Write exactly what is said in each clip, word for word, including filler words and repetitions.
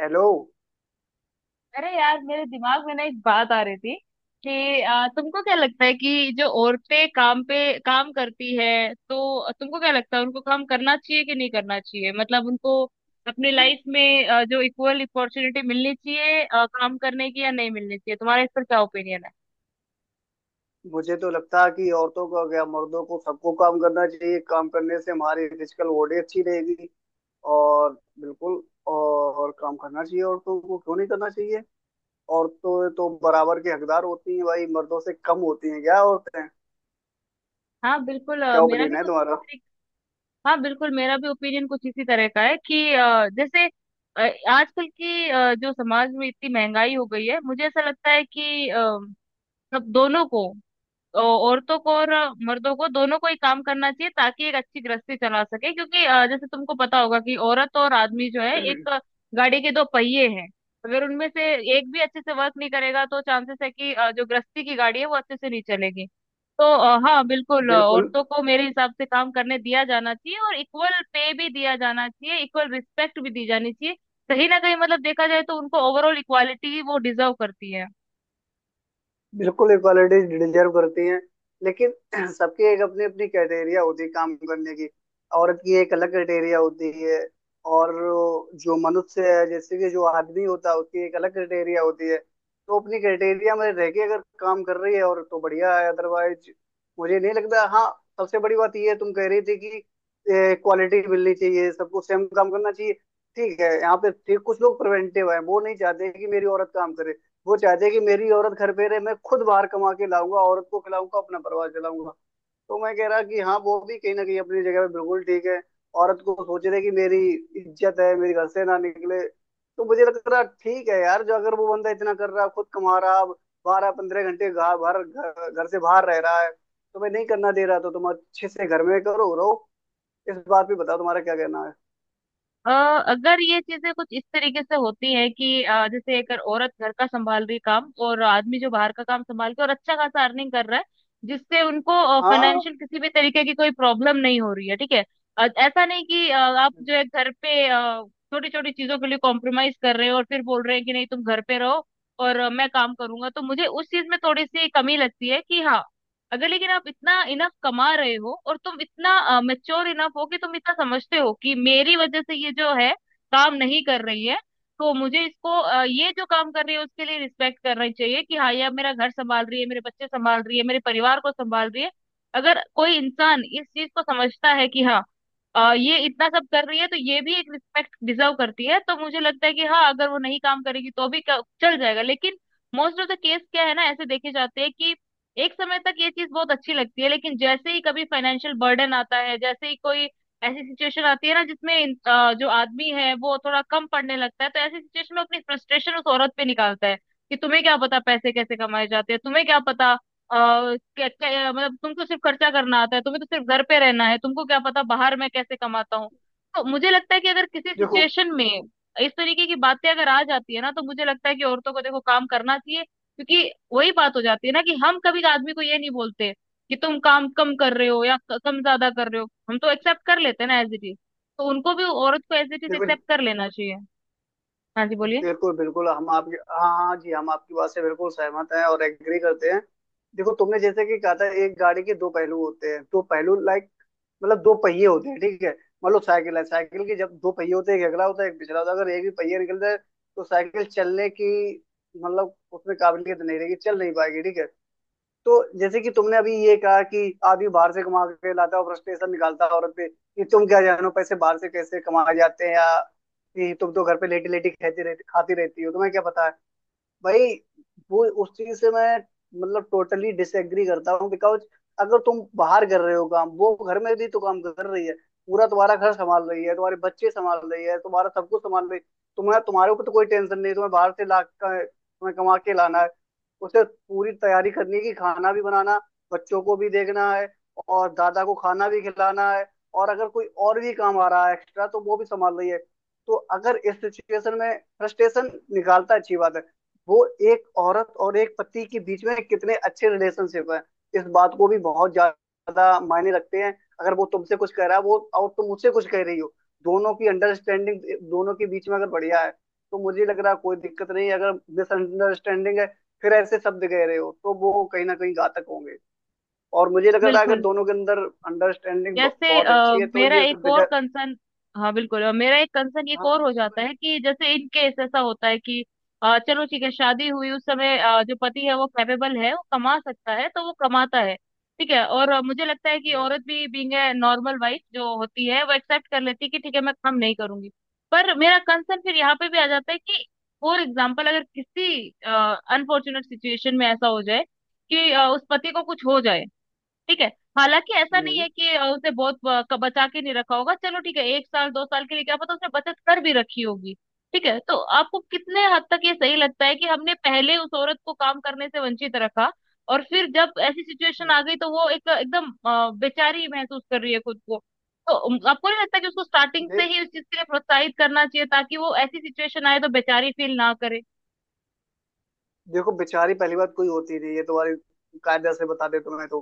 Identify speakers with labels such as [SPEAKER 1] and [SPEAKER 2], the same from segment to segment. [SPEAKER 1] Hello.
[SPEAKER 2] अरे यार, मेरे दिमाग में ना एक बात आ रही थी कि आ, तुमको क्या लगता है कि जो औरतें काम पे काम करती है, तो तुमको क्या लगता है उनको काम करना चाहिए कि नहीं करना चाहिए? मतलब उनको अपनी लाइफ में आ, जो इक्वल अपॉर्चुनिटी मिलनी चाहिए आ, काम करने की, या नहीं मिलनी चाहिए, तुम्हारा इस पर क्या ओपिनियन है?
[SPEAKER 1] मुझे तो लगता है कि औरतों का क्या, मर्दों को, सबको काम करना चाहिए। काम करने से हमारी फिजिकल बॉडी अच्छी रहेगी। और बिल्कुल, और काम करना चाहिए, औरतों को क्यों नहीं करना चाहिए? औरतें तो बराबर के हकदार होती हैं, भाई। मर्दों से कम होती हैं क्या औरतें?
[SPEAKER 2] हाँ बिल्कुल, अ,
[SPEAKER 1] क्या
[SPEAKER 2] मेरा
[SPEAKER 1] ओपिनियन
[SPEAKER 2] भी
[SPEAKER 1] है
[SPEAKER 2] कुछ।
[SPEAKER 1] तुम्हारा?
[SPEAKER 2] हाँ बिल्कुल, मेरा भी ओपिनियन कुछ इसी तरह का है कि अ, जैसे अ, आजकल की अ, जो समाज में इतनी महंगाई हो गई है, मुझे ऐसा लगता है कि अ, सब दोनों को, औ- औरतों को और अ, मर्दों को दोनों को ही काम करना चाहिए, ताकि एक अच्छी गृहस्थी चला सके। क्योंकि अ, जैसे तुमको पता होगा कि औरत और आदमी जो है एक अ, गाड़ी के दो पहिए हैं। अगर उनमें से एक भी अच्छे से वर्क नहीं करेगा तो चांसेस है कि अ, जो गृहस्थी की गाड़ी है वो अच्छे से नहीं चलेगी। तो अ, हाँ बिल्कुल, अ,
[SPEAKER 1] बिल्कुल,
[SPEAKER 2] औरतों को मेरे हिसाब से काम करने दिया जाना चाहिए, और इक्वल पे भी दिया जाना चाहिए, इक्वल रिस्पेक्ट भी दी जानी चाहिए। कहीं ना कहीं मतलब देखा जाए तो उनको ओवरऑल इक्वालिटी वो डिजर्व करती है।
[SPEAKER 1] बिल्कुल इक्वालिटी डिजर्व करती हैं। लेकिन सबकी एक अपनी अपनी क्राइटेरिया होती है काम करने की। औरत की एक अलग क्राइटेरिया होती है, और जो मनुष्य है, जैसे कि जो आदमी होता है, उसकी एक अलग क्राइटेरिया होती है। तो अपनी क्राइटेरिया में रह के अगर काम कर रही है और, तो बढ़िया है, अदरवाइज मुझे नहीं लगता। हाँ, सबसे बड़ी बात ये है, तुम कह रही थी कि क्वालिटी मिलनी चाहिए, सबको सेम काम करना चाहिए। ठीक है, यहाँ पे ठीक, कुछ लोग प्रिवेंटिव है, वो नहीं चाहते कि मेरी औरत काम करे। वो चाहते हैं कि मेरी औरत घर पे रहे, मैं खुद बाहर कमा के लाऊंगा, औरत को खिलाऊंगा, अपना परिवार चलाऊंगा। तो मैं कह रहा कि हाँ, वो भी कहीं ना कहीं अपनी जगह पे बिल्कुल ठीक है। औरत को सोच रहे कि मेरी इज्जत है, मेरे घर से ना निकले। तो मुझे लग रहा ठीक है यार, जो अगर वो बंदा इतना कर रहा है, खुद कमा रहा है, बारह पंद्रह घंटे घा- बाहर, घर घर से बाहर रह रहा है, तो मैं नहीं करना दे रहा, तो तुम अच्छे से घर में करो रहो। इस बात पे बताओ तुम्हारा क्या कहना है?
[SPEAKER 2] अ, अगर ये चीजें कुछ इस तरीके से होती है कि अ, जैसे एक औरत घर का संभाल रही, काम और आदमी जो बाहर का काम संभाल के और अच्छा खासा अर्निंग कर रहा है, जिससे उनको
[SPEAKER 1] हाँ,
[SPEAKER 2] फाइनेंशियल किसी भी तरीके की कोई प्रॉब्लम नहीं हो रही है, ठीक है। अ, ऐसा नहीं कि अ, आप जो है घर पे छोटी छोटी चीजों के लिए कॉम्प्रोमाइज कर रहे हो, और फिर बोल रहे हैं कि नहीं, तुम घर पे रहो और अ, मैं काम करूंगा, तो मुझे उस चीज में थोड़ी सी कमी लगती है कि हाँ, अगर लेकिन आप इतना इनफ कमा रहे हो, और तुम इतना मेच्योर इनफ हो कि तुम इतना समझते हो कि मेरी वजह से ये जो है काम नहीं कर रही है, तो मुझे इसको, अ, ये जो काम कर रही है उसके लिए रिस्पेक्ट करना चाहिए कि हाँ, ये अब मेरा घर संभाल रही है, मेरे बच्चे संभाल रही है, मेरे परिवार को संभाल रही है। अगर कोई इंसान इस चीज को समझता है कि हाँ, अ, ये इतना सब कर रही है, तो ये भी एक रिस्पेक्ट डिजर्व करती है, तो मुझे लगता है कि हाँ, अगर वो नहीं काम करेगी तो भी क- चल जाएगा। लेकिन मोस्ट ऑफ द केस क्या है ना, ऐसे देखे जाते हैं कि एक समय तक ये चीज बहुत अच्छी लगती है, लेकिन जैसे ही कभी फाइनेंशियल बर्डन आता है, जैसे ही कोई ऐसी सिचुएशन आती है ना जिसमें इन- अ, जो आदमी है वो थोड़ा कम पड़ने लगता है, तो ऐसी सिचुएशन में अपनी फ्रस्ट्रेशन उस औरत पे निकालता है कि तुम्हें क्या पता पैसे कैसे कमाए जाते हैं, तुम्हें क्या पता, अ, क्या, क्या, मतलब तुमको सिर्फ खर्चा करना आता है, तुम्हें तो सिर्फ घर पे रहना है, तुमको क्या पता बाहर मैं कैसे कमाता हूँ। तो मुझे लगता है कि अगर किसी
[SPEAKER 1] देखो,
[SPEAKER 2] सिचुएशन में इस तरीके की बातें अगर आ जाती है ना, तो मुझे लगता है कि औरतों को, देखो, काम करना चाहिए। क्योंकि वही बात हो जाती है ना कि हम कभी आदमी को ये नहीं बोलते कि तुम काम कम कर रहे हो, या क- कम ज्यादा कर रहे हो, हम तो एक्सेप्ट कर लेते हैं ना एज इट इज, तो उनको भी औरत को एज इट इज
[SPEAKER 1] देखो,
[SPEAKER 2] एक्सेप्ट कर लेना चाहिए। हाँ जी, बोलिए।
[SPEAKER 1] बिल्कुल, बिल्कुल, हम आपकी, हाँ, हाँ जी, हम आपकी बात से बिल्कुल सहमत हैं और एग्री करते हैं। देखो, तुमने जैसे कि कहा था एक गाड़ी के दो पहलू होते हैं। दो पहलू, लाइक, मतलब दो पहिए होते हैं, ठीक है? मान लो साइकिल है, साइकिल के जब दो पहिए होते हैं, एक अगला होता है, एक पिछला होता है। अगर एक भी पहिया निकल जाए, तो साइकिल चलने की, मतलब उसमें काबिलियत नहीं रहेगी, चल नहीं पाएगी, ठीक है? तो जैसे कि तुमने अभी ये कहा कि आदमी बाहर से कमा के लाता है और फ्रस्ट्रेशन निकालता है औरत पे कि तुम क्या जानो पैसे बाहर से कैसे कमाए जाते हैं, या कि तुम तो घर पे लेटी लेटी खाती रहती खाती रहती हो, तुम्हें क्या पता है भाई? वो उस चीज से मैं, मतलब टोटली डिसएग्री करता हूँ, बिकॉज अगर तुम बाहर कर रहे हो काम, वो घर में भी तो काम कर रही है। पूरा तुम्हारा घर संभाल रही है, तुम्हारे बच्चे संभाल रही है, तुम्हारा सब कुछ संभाल रही है। तुम्हें, तुम्हारे ऊपर तो कोई टेंशन नहीं है, तुम्हें बाहर से ला, तुम्हें कमा के लाना है। उसे पूरी तैयारी करनी है कि खाना भी बनाना, बच्चों को भी देखना है, और दादा को खाना भी खिलाना है, और अगर कोई और भी काम आ रहा है एक्स्ट्रा तो वो भी संभाल रही है। तो अगर इस सिचुएशन में फ्रस्ट्रेशन निकालता, अच्छी बात है। वो एक औरत और एक पति के बीच में कितने अच्छे रिलेशनशिप है, इस बात को भी बहुत ज्यादा मायने रखते हैं। अगर वो तुमसे कुछ कह रहा है वो, और तुम मुझसे कुछ कह रही हो, दोनों की अंडरस्टैंडिंग, दोनों के बीच में अगर बढ़िया है, तो मुझे लग रहा है कोई दिक्कत नहीं है। अगर मिसअंडरस्टैंडिंग है, फिर ऐसे शब्द कह रहे हो, तो वो कहीं ना कहीं घातक होंगे। और मुझे लग रहा है अगर
[SPEAKER 2] बिल्कुल।
[SPEAKER 1] दोनों के अंदर अंडरस्टैंडिंग
[SPEAKER 2] जैसे
[SPEAKER 1] बहुत
[SPEAKER 2] अ,
[SPEAKER 1] अच्छी है, तो
[SPEAKER 2] मेरा
[SPEAKER 1] ये सब
[SPEAKER 2] एक और
[SPEAKER 1] बेजा।
[SPEAKER 2] कंसर्न, हाँ बिल्कुल, अ, मेरा एक कंसर्न एक और
[SPEAKER 1] हाँ।
[SPEAKER 2] हो जाता है कि जैसे इन केस ऐसा होता है कि अ, चलो ठीक है, शादी हुई उस समय अ, जो पति है वो कैपेबल है, वो कमा सकता है, तो वो कमाता है, ठीक है। और अ, मुझे लगता है कि
[SPEAKER 1] हम्म,
[SPEAKER 2] औरत भी, बीइंग ए नॉर्मल वाइफ जो होती है, वो एक्सेप्ट कर लेती है कि ठीक है मैं कम नहीं करूंगी। पर मेरा कंसर्न फिर यहाँ पे भी आ जाता है कि फॉर एग्जाम्पल, अगर किसी अनफॉर्चुनेट सिचुएशन में ऐसा हो जाए कि अ, उस पति को कुछ हो जाए, ठीक है। हालांकि ऐसा नहीं
[SPEAKER 1] हम्म,
[SPEAKER 2] है कि अ, उसे बहुत ब- क- बचा के नहीं रखा होगा, चलो ठीक है, एक साल दो साल के लिए क्या पता उसने बचत कर भी रखी होगी, ठीक है। तो आपको कितने हद तक ये सही लगता है कि हमने पहले उस औरत को काम करने से वंचित रखा, और फिर जब ऐसी सिचुएशन
[SPEAKER 1] हम्म।
[SPEAKER 2] आ गई तो वो एक एकदम अ, बेचारी महसूस कर रही है खुद को? तो उम, आपको नहीं लगता कि उसको स्टार्टिंग से ही उस चीज के लिए प्रोत्साहित करना चाहिए, ताकि वो ऐसी सिचुएशन आए तो बेचारी फील ना करे?
[SPEAKER 1] देखो, बेचारी पहली बात कोई होती नहीं, ये तुम्हारी, कायदा से बता दे तुम्हें तो,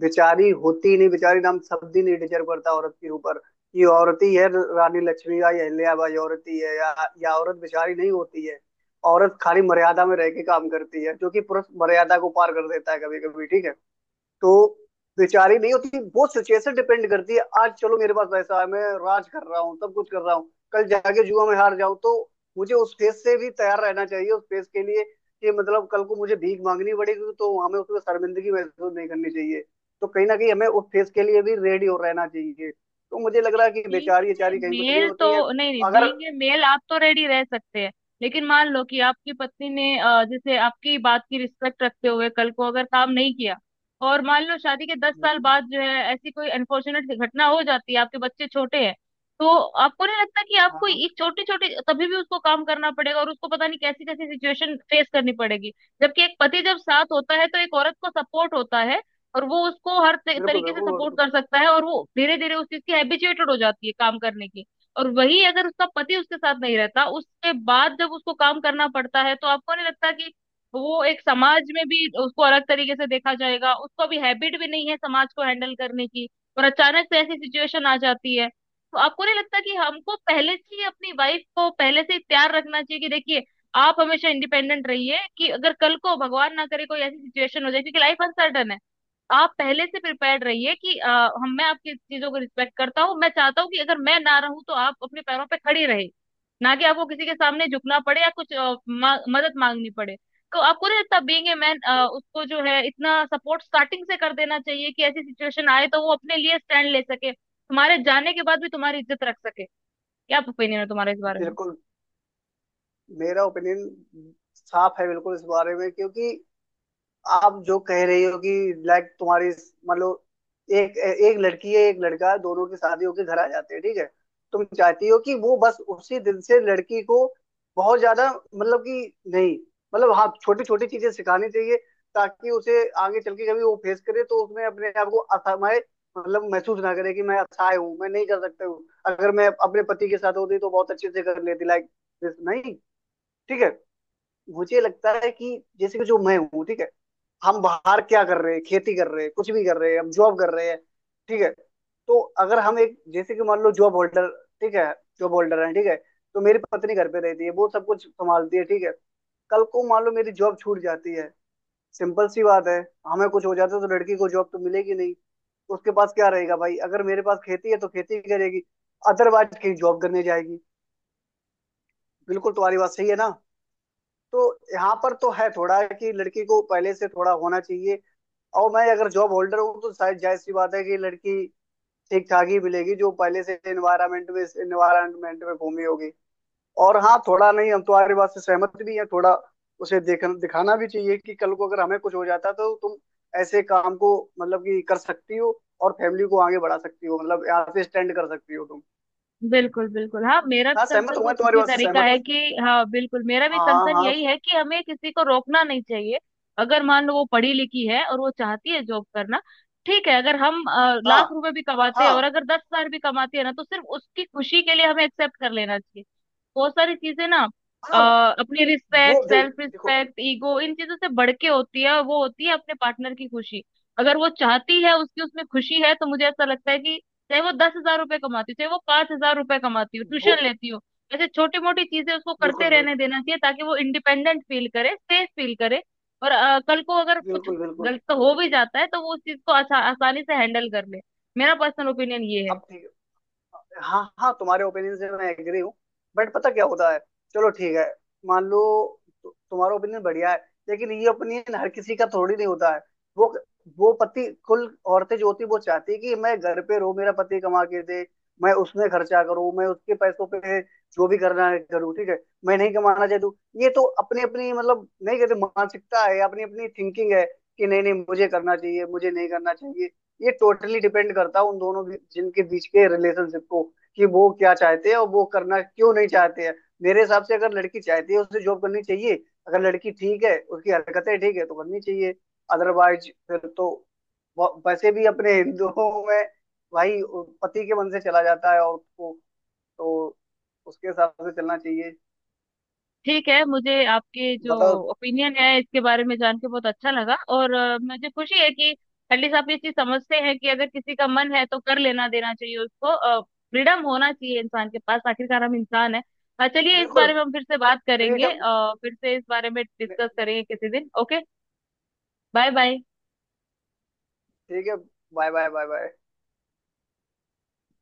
[SPEAKER 1] बेचारी होती ही नहीं। बेचारी नाम शब्द ही नहीं डिजर्व करता औरत के ऊपर। ये औरत ही है, रानी लक्ष्मी या अहल्याबाई औरत ही है, या, या औरत बेचारी नहीं होती है। औरत खाली मर्यादा में रह के काम करती है, जो कि पुरुष मर्यादा को पार कर देता है कभी कभी, ठीक है? तो बेचारी नहीं होती, वो सिचुएशन डिपेंड करती है। आज चलो मेरे पास पैसा है, मैं राज कर रहा हूँ, सब कुछ कर रहा हूँ, कल जाके जुआ में हार जाऊं, तो मुझे उस फेज से भी तैयार रहना चाहिए, उस फेज के लिए। कि मतलब कल को मुझे भीख मांगनी पड़ेगी, तो हमें उसमें शर्मिंदगी महसूस नहीं करनी चाहिए। तो कहीं ना कहीं हमें उस फेज के लिए भी रेडी हो रहना चाहिए। तो मुझे लग रहा है कि बेचारी
[SPEAKER 2] बीइंग ए
[SPEAKER 1] बेचारी कहीं कुछ नहीं
[SPEAKER 2] मेल तो,
[SPEAKER 1] होती है।
[SPEAKER 2] नहीं नहीं,
[SPEAKER 1] अगर,
[SPEAKER 2] बीइंग ए मेल आप तो रेडी रह सकते हैं, लेकिन मान लो कि आपकी पत्नी ने अ, जैसे आपकी बात की रिस्पेक्ट रखते हुए कल को अगर काम नहीं किया, और मान लो शादी के दस साल बाद जो है ऐसी कोई अनफॉर्चुनेट घटना हो जाती है, आपके बच्चे छोटे हैं, तो आपको नहीं लगता कि
[SPEAKER 1] हाँ,
[SPEAKER 2] आपको
[SPEAKER 1] हाँ,
[SPEAKER 2] एक छोटी छोटी, तभी भी उसको काम करना पड़ेगा और उसको पता नहीं कैसी कैसी सिचुएशन फेस करनी पड़ेगी? जबकि एक पति जब साथ होता है, तो एक औरत को सपोर्ट होता है, और वो उसको हर त-
[SPEAKER 1] बिल्कुल
[SPEAKER 2] तरीके से
[SPEAKER 1] बिल्कुल
[SPEAKER 2] सपोर्ट
[SPEAKER 1] बिल्कुल
[SPEAKER 2] कर सकता है, और वो धीरे धीरे उस चीज की हैबिचुएटेड हो जाती है काम करने की। और वही अगर उसका पति उसके साथ नहीं रहता, उसके बाद जब उसको काम करना पड़ता है, तो आपको नहीं लगता कि वो एक, समाज में भी उसको अलग तरीके से देखा जाएगा? उसको अभी हैबिट भी नहीं है समाज को हैंडल करने की, और अचानक से ऐसी सिचुएशन आ जाती है। तो आपको नहीं लगता कि हमको पहले से ही अपनी वाइफ को पहले से ही तैयार रखना चाहिए कि देखिए, आप हमेशा इंडिपेंडेंट रहिए, कि अगर कल को भगवान ना करे कोई ऐसी सिचुएशन हो जाए, क्योंकि लाइफ अनसर्टन है, आप पहले से प्रिपेयर्ड रहिए कि अ, हम मैं आपकी चीजों को रिस्पेक्ट करता हूँ, मैं चाहता हूँ कि अगर मैं ना रहूं तो आप अपने पैरों पे खड़ी रहे, ना कि आपको किसी के सामने झुकना पड़े या कुछ अ, मा, मदद मांगनी पड़े। तो आपको नहीं लगता, बीइंग ए मैन, उसको जो है इतना सपोर्ट स्टार्टिंग से कर देना चाहिए कि ऐसी सिचुएशन आए तो वो अपने लिए स्टैंड ले सके, तुम्हारे जाने के बाद भी तुम्हारी इज्जत रख सके? क्या ओपिनियन है तुम्हारा इस बारे में?
[SPEAKER 1] बिल्कुल, मेरा ओपिनियन साफ है बिल्कुल इस बारे में, क्योंकि आप जो कह रही हो कि लाइक तुम्हारी, मतलब एक एक लड़की है, एक लड़का है, दोनों की शादी होके घर आ जाते हैं, ठीक है। तुम चाहती हो कि वो बस उसी दिन से लड़की को बहुत ज्यादा, मतलब कि नहीं, मतलब हाँ, छोटी छोटी चीजें सिखानी चाहिए, ताकि उसे आगे चल के कभी वो फेस करे तो उसमें अपने आप को असहाय, मतलब महसूस ना करे कि मैं असहाय हूँ, मैं नहीं कर सकता हूँ, अगर मैं अपने पति के साथ होती तो बहुत अच्छे से कर लेती, लाइक दिस, नहीं। ठीक है, मुझे लगता है कि जैसे कि जो मैं हूँ, ठीक है, हम बाहर क्या कर रहे हैं, खेती कर रहे हैं, कुछ भी कर रहे हैं, हम जॉब कर रहे हैं, ठीक है। तो अगर हम एक, जैसे कि मान लो जॉब होल्डर, ठीक है, जॉब होल्डर है, ठीक है, तो मेरी पत्नी घर पे रहती है, वो सब कुछ संभालती है, ठीक है। कल को मान लो मेरी जॉब छूट जाती है, सिंपल सी बात है, हमें कुछ हो जाता है, तो लड़की को जॉब तो मिलेगी नहीं, तो उसके पास क्या रहेगा भाई? अगर मेरे पास खेती है तो खेती करेगी, अदरवाइज कहीं जॉब करने जाएगी। बिल्कुल तुम्हारी बात सही है ना। तो यहाँ पर तो है थोड़ा कि लड़की को पहले से थोड़ा होना चाहिए। और मैं अगर जॉब होल्डर हूँ, तो शायद जाहिर सी बात है कि लड़की ठीक ठाक ही मिलेगी, जो पहले से इन्वायरमेंट में इन्वायरमेंट में घूमी होगी। और हाँ, थोड़ा नहीं, हम तुम्हारी बात से सहमत भी हैं। थोड़ा उसे देखना दिखाना भी चाहिए कि कल को अगर हमें कुछ हो जाता तो तुम ऐसे काम को, मतलब कि कर सकती हो, और फैमिली को आगे बढ़ा सकती हो, मतलब यहाँ से स्टैंड कर सकती हो तुम।
[SPEAKER 2] बिल्कुल बिल्कुल, हाँ, मेरा भी
[SPEAKER 1] हाँ, सहमत
[SPEAKER 2] कंसर्न
[SPEAKER 1] हूँ मैं
[SPEAKER 2] कुछ
[SPEAKER 1] तुम्हारी
[SPEAKER 2] इसी
[SPEAKER 1] बात से
[SPEAKER 2] तरीका
[SPEAKER 1] सहमत।
[SPEAKER 2] है कि, हाँ बिल्कुल, मेरा भी
[SPEAKER 1] हाँ,
[SPEAKER 2] कंसर्न
[SPEAKER 1] हाँ,
[SPEAKER 2] यही है कि हमें किसी को रोकना नहीं चाहिए। अगर मान लो वो पढ़ी लिखी है और वो चाहती है जॉब करना, ठीक है, अगर हम अ,
[SPEAKER 1] हाँ,
[SPEAKER 2] लाख रुपए भी कमाते हैं,
[SPEAKER 1] हाँ,
[SPEAKER 2] और अगर दस हजार भी कमाते हैं ना, तो सिर्फ उसकी खुशी के लिए हमें एक्सेप्ट कर लेना चाहिए बहुत सारी चीजें ना। अ,
[SPEAKER 1] हाँ।
[SPEAKER 2] अपनी
[SPEAKER 1] वो,
[SPEAKER 2] रिस्पेक्ट,
[SPEAKER 1] देखो,
[SPEAKER 2] सेल्फ
[SPEAKER 1] देखो,
[SPEAKER 2] रिस्पेक्ट, ईगो, इन चीजों से बढ़ के होती है, और वो होती है अपने पार्टनर की खुशी। अगर वो चाहती है, उसकी उसमें खुशी है, तो मुझे ऐसा लगता है कि चाहे वो दस हजार रुपए कमाती हो, चाहे वो पांच हजार रुपए कमाती हो,
[SPEAKER 1] वो,
[SPEAKER 2] ट्यूशन लेती हो, ऐसे छोटी मोटी चीजें उसको करते
[SPEAKER 1] बिल्कुल,
[SPEAKER 2] रहने
[SPEAKER 1] बिल्कुल,
[SPEAKER 2] देना चाहिए, ताकि वो इंडिपेंडेंट फील करे, सेफ फील करे। और अ, कल को अगर कुछ
[SPEAKER 1] बिल्कुल, बिल्कुल।
[SPEAKER 2] गलत हो भी जाता है, तो वो उस चीज को आसा, आसानी से हैंडल कर ले। मेरा पर्सनल ओपिनियन ये है।
[SPEAKER 1] अब ठीक। हाँ, हाँ, तुम्हारे ओपिनियन से मैं एग्री हूँ। बट पता क्या होता है, चलो ठीक है, मान लो, तु, तुम्हारा ओपिनियन बढ़िया है, लेकिन ये ओपिनियन हर किसी का थोड़ी नहीं होता है। वो वो पति कुल, औरतें जो होती हैं, वो चाहती है कि मैं घर पे रहूं, मेरा पति कमा के दे, मैं उसमें खर्चा करूं, मैं उसके पैसों पे जो भी करना है करूँ, ठीक है, मैं नहीं कमाना चाहती हूँ। ये तो अपनी अपनी, मतलब नहीं कहते, मानसिकता है, अपनी अपनी थिंकिंग है, कि नहीं नहीं मुझे करना चाहिए, मुझे नहीं करना चाहिए। ये टोटली डिपेंड करता है उन दोनों भी- जिनके बीच के रिलेशनशिप को, कि वो क्या चाहते हैं और वो करना क्यों नहीं चाहते हैं। मेरे हिसाब से अगर लड़की चाहती है उसे जॉब करनी चाहिए। अगर लड़की ठीक है, उसकी हरकतें ठीक है, तो करनी चाहिए। अदरवाइज फिर तो, व- वैसे भी अपने हिंदुओं में, भाई, पति के मन से चला जाता है और को, तो उसके हिसाब से चलना चाहिए।
[SPEAKER 2] ठीक है, मुझे आपके जो
[SPEAKER 1] बताओ।
[SPEAKER 2] ओपिनियन है इसके बारे में जान के बहुत अच्छा लगा, और अ, मुझे खुशी है कि एटलीस्ट आप ये चीज समझते हैं कि अगर किसी का मन है तो कर लेना देना चाहिए, उसको फ्रीडम होना चाहिए इंसान के पास, आखिरकार हम इंसान है। चलिए, इस
[SPEAKER 1] बिल्कुल,
[SPEAKER 2] बारे में हम फिर से बात करेंगे,
[SPEAKER 1] फ्रीडम।
[SPEAKER 2] अ, फिर से इस बारे में डिस्कस करेंगे किसी दिन, ओके। Bye bye.
[SPEAKER 1] ठीक है। Bye bye, bye bye.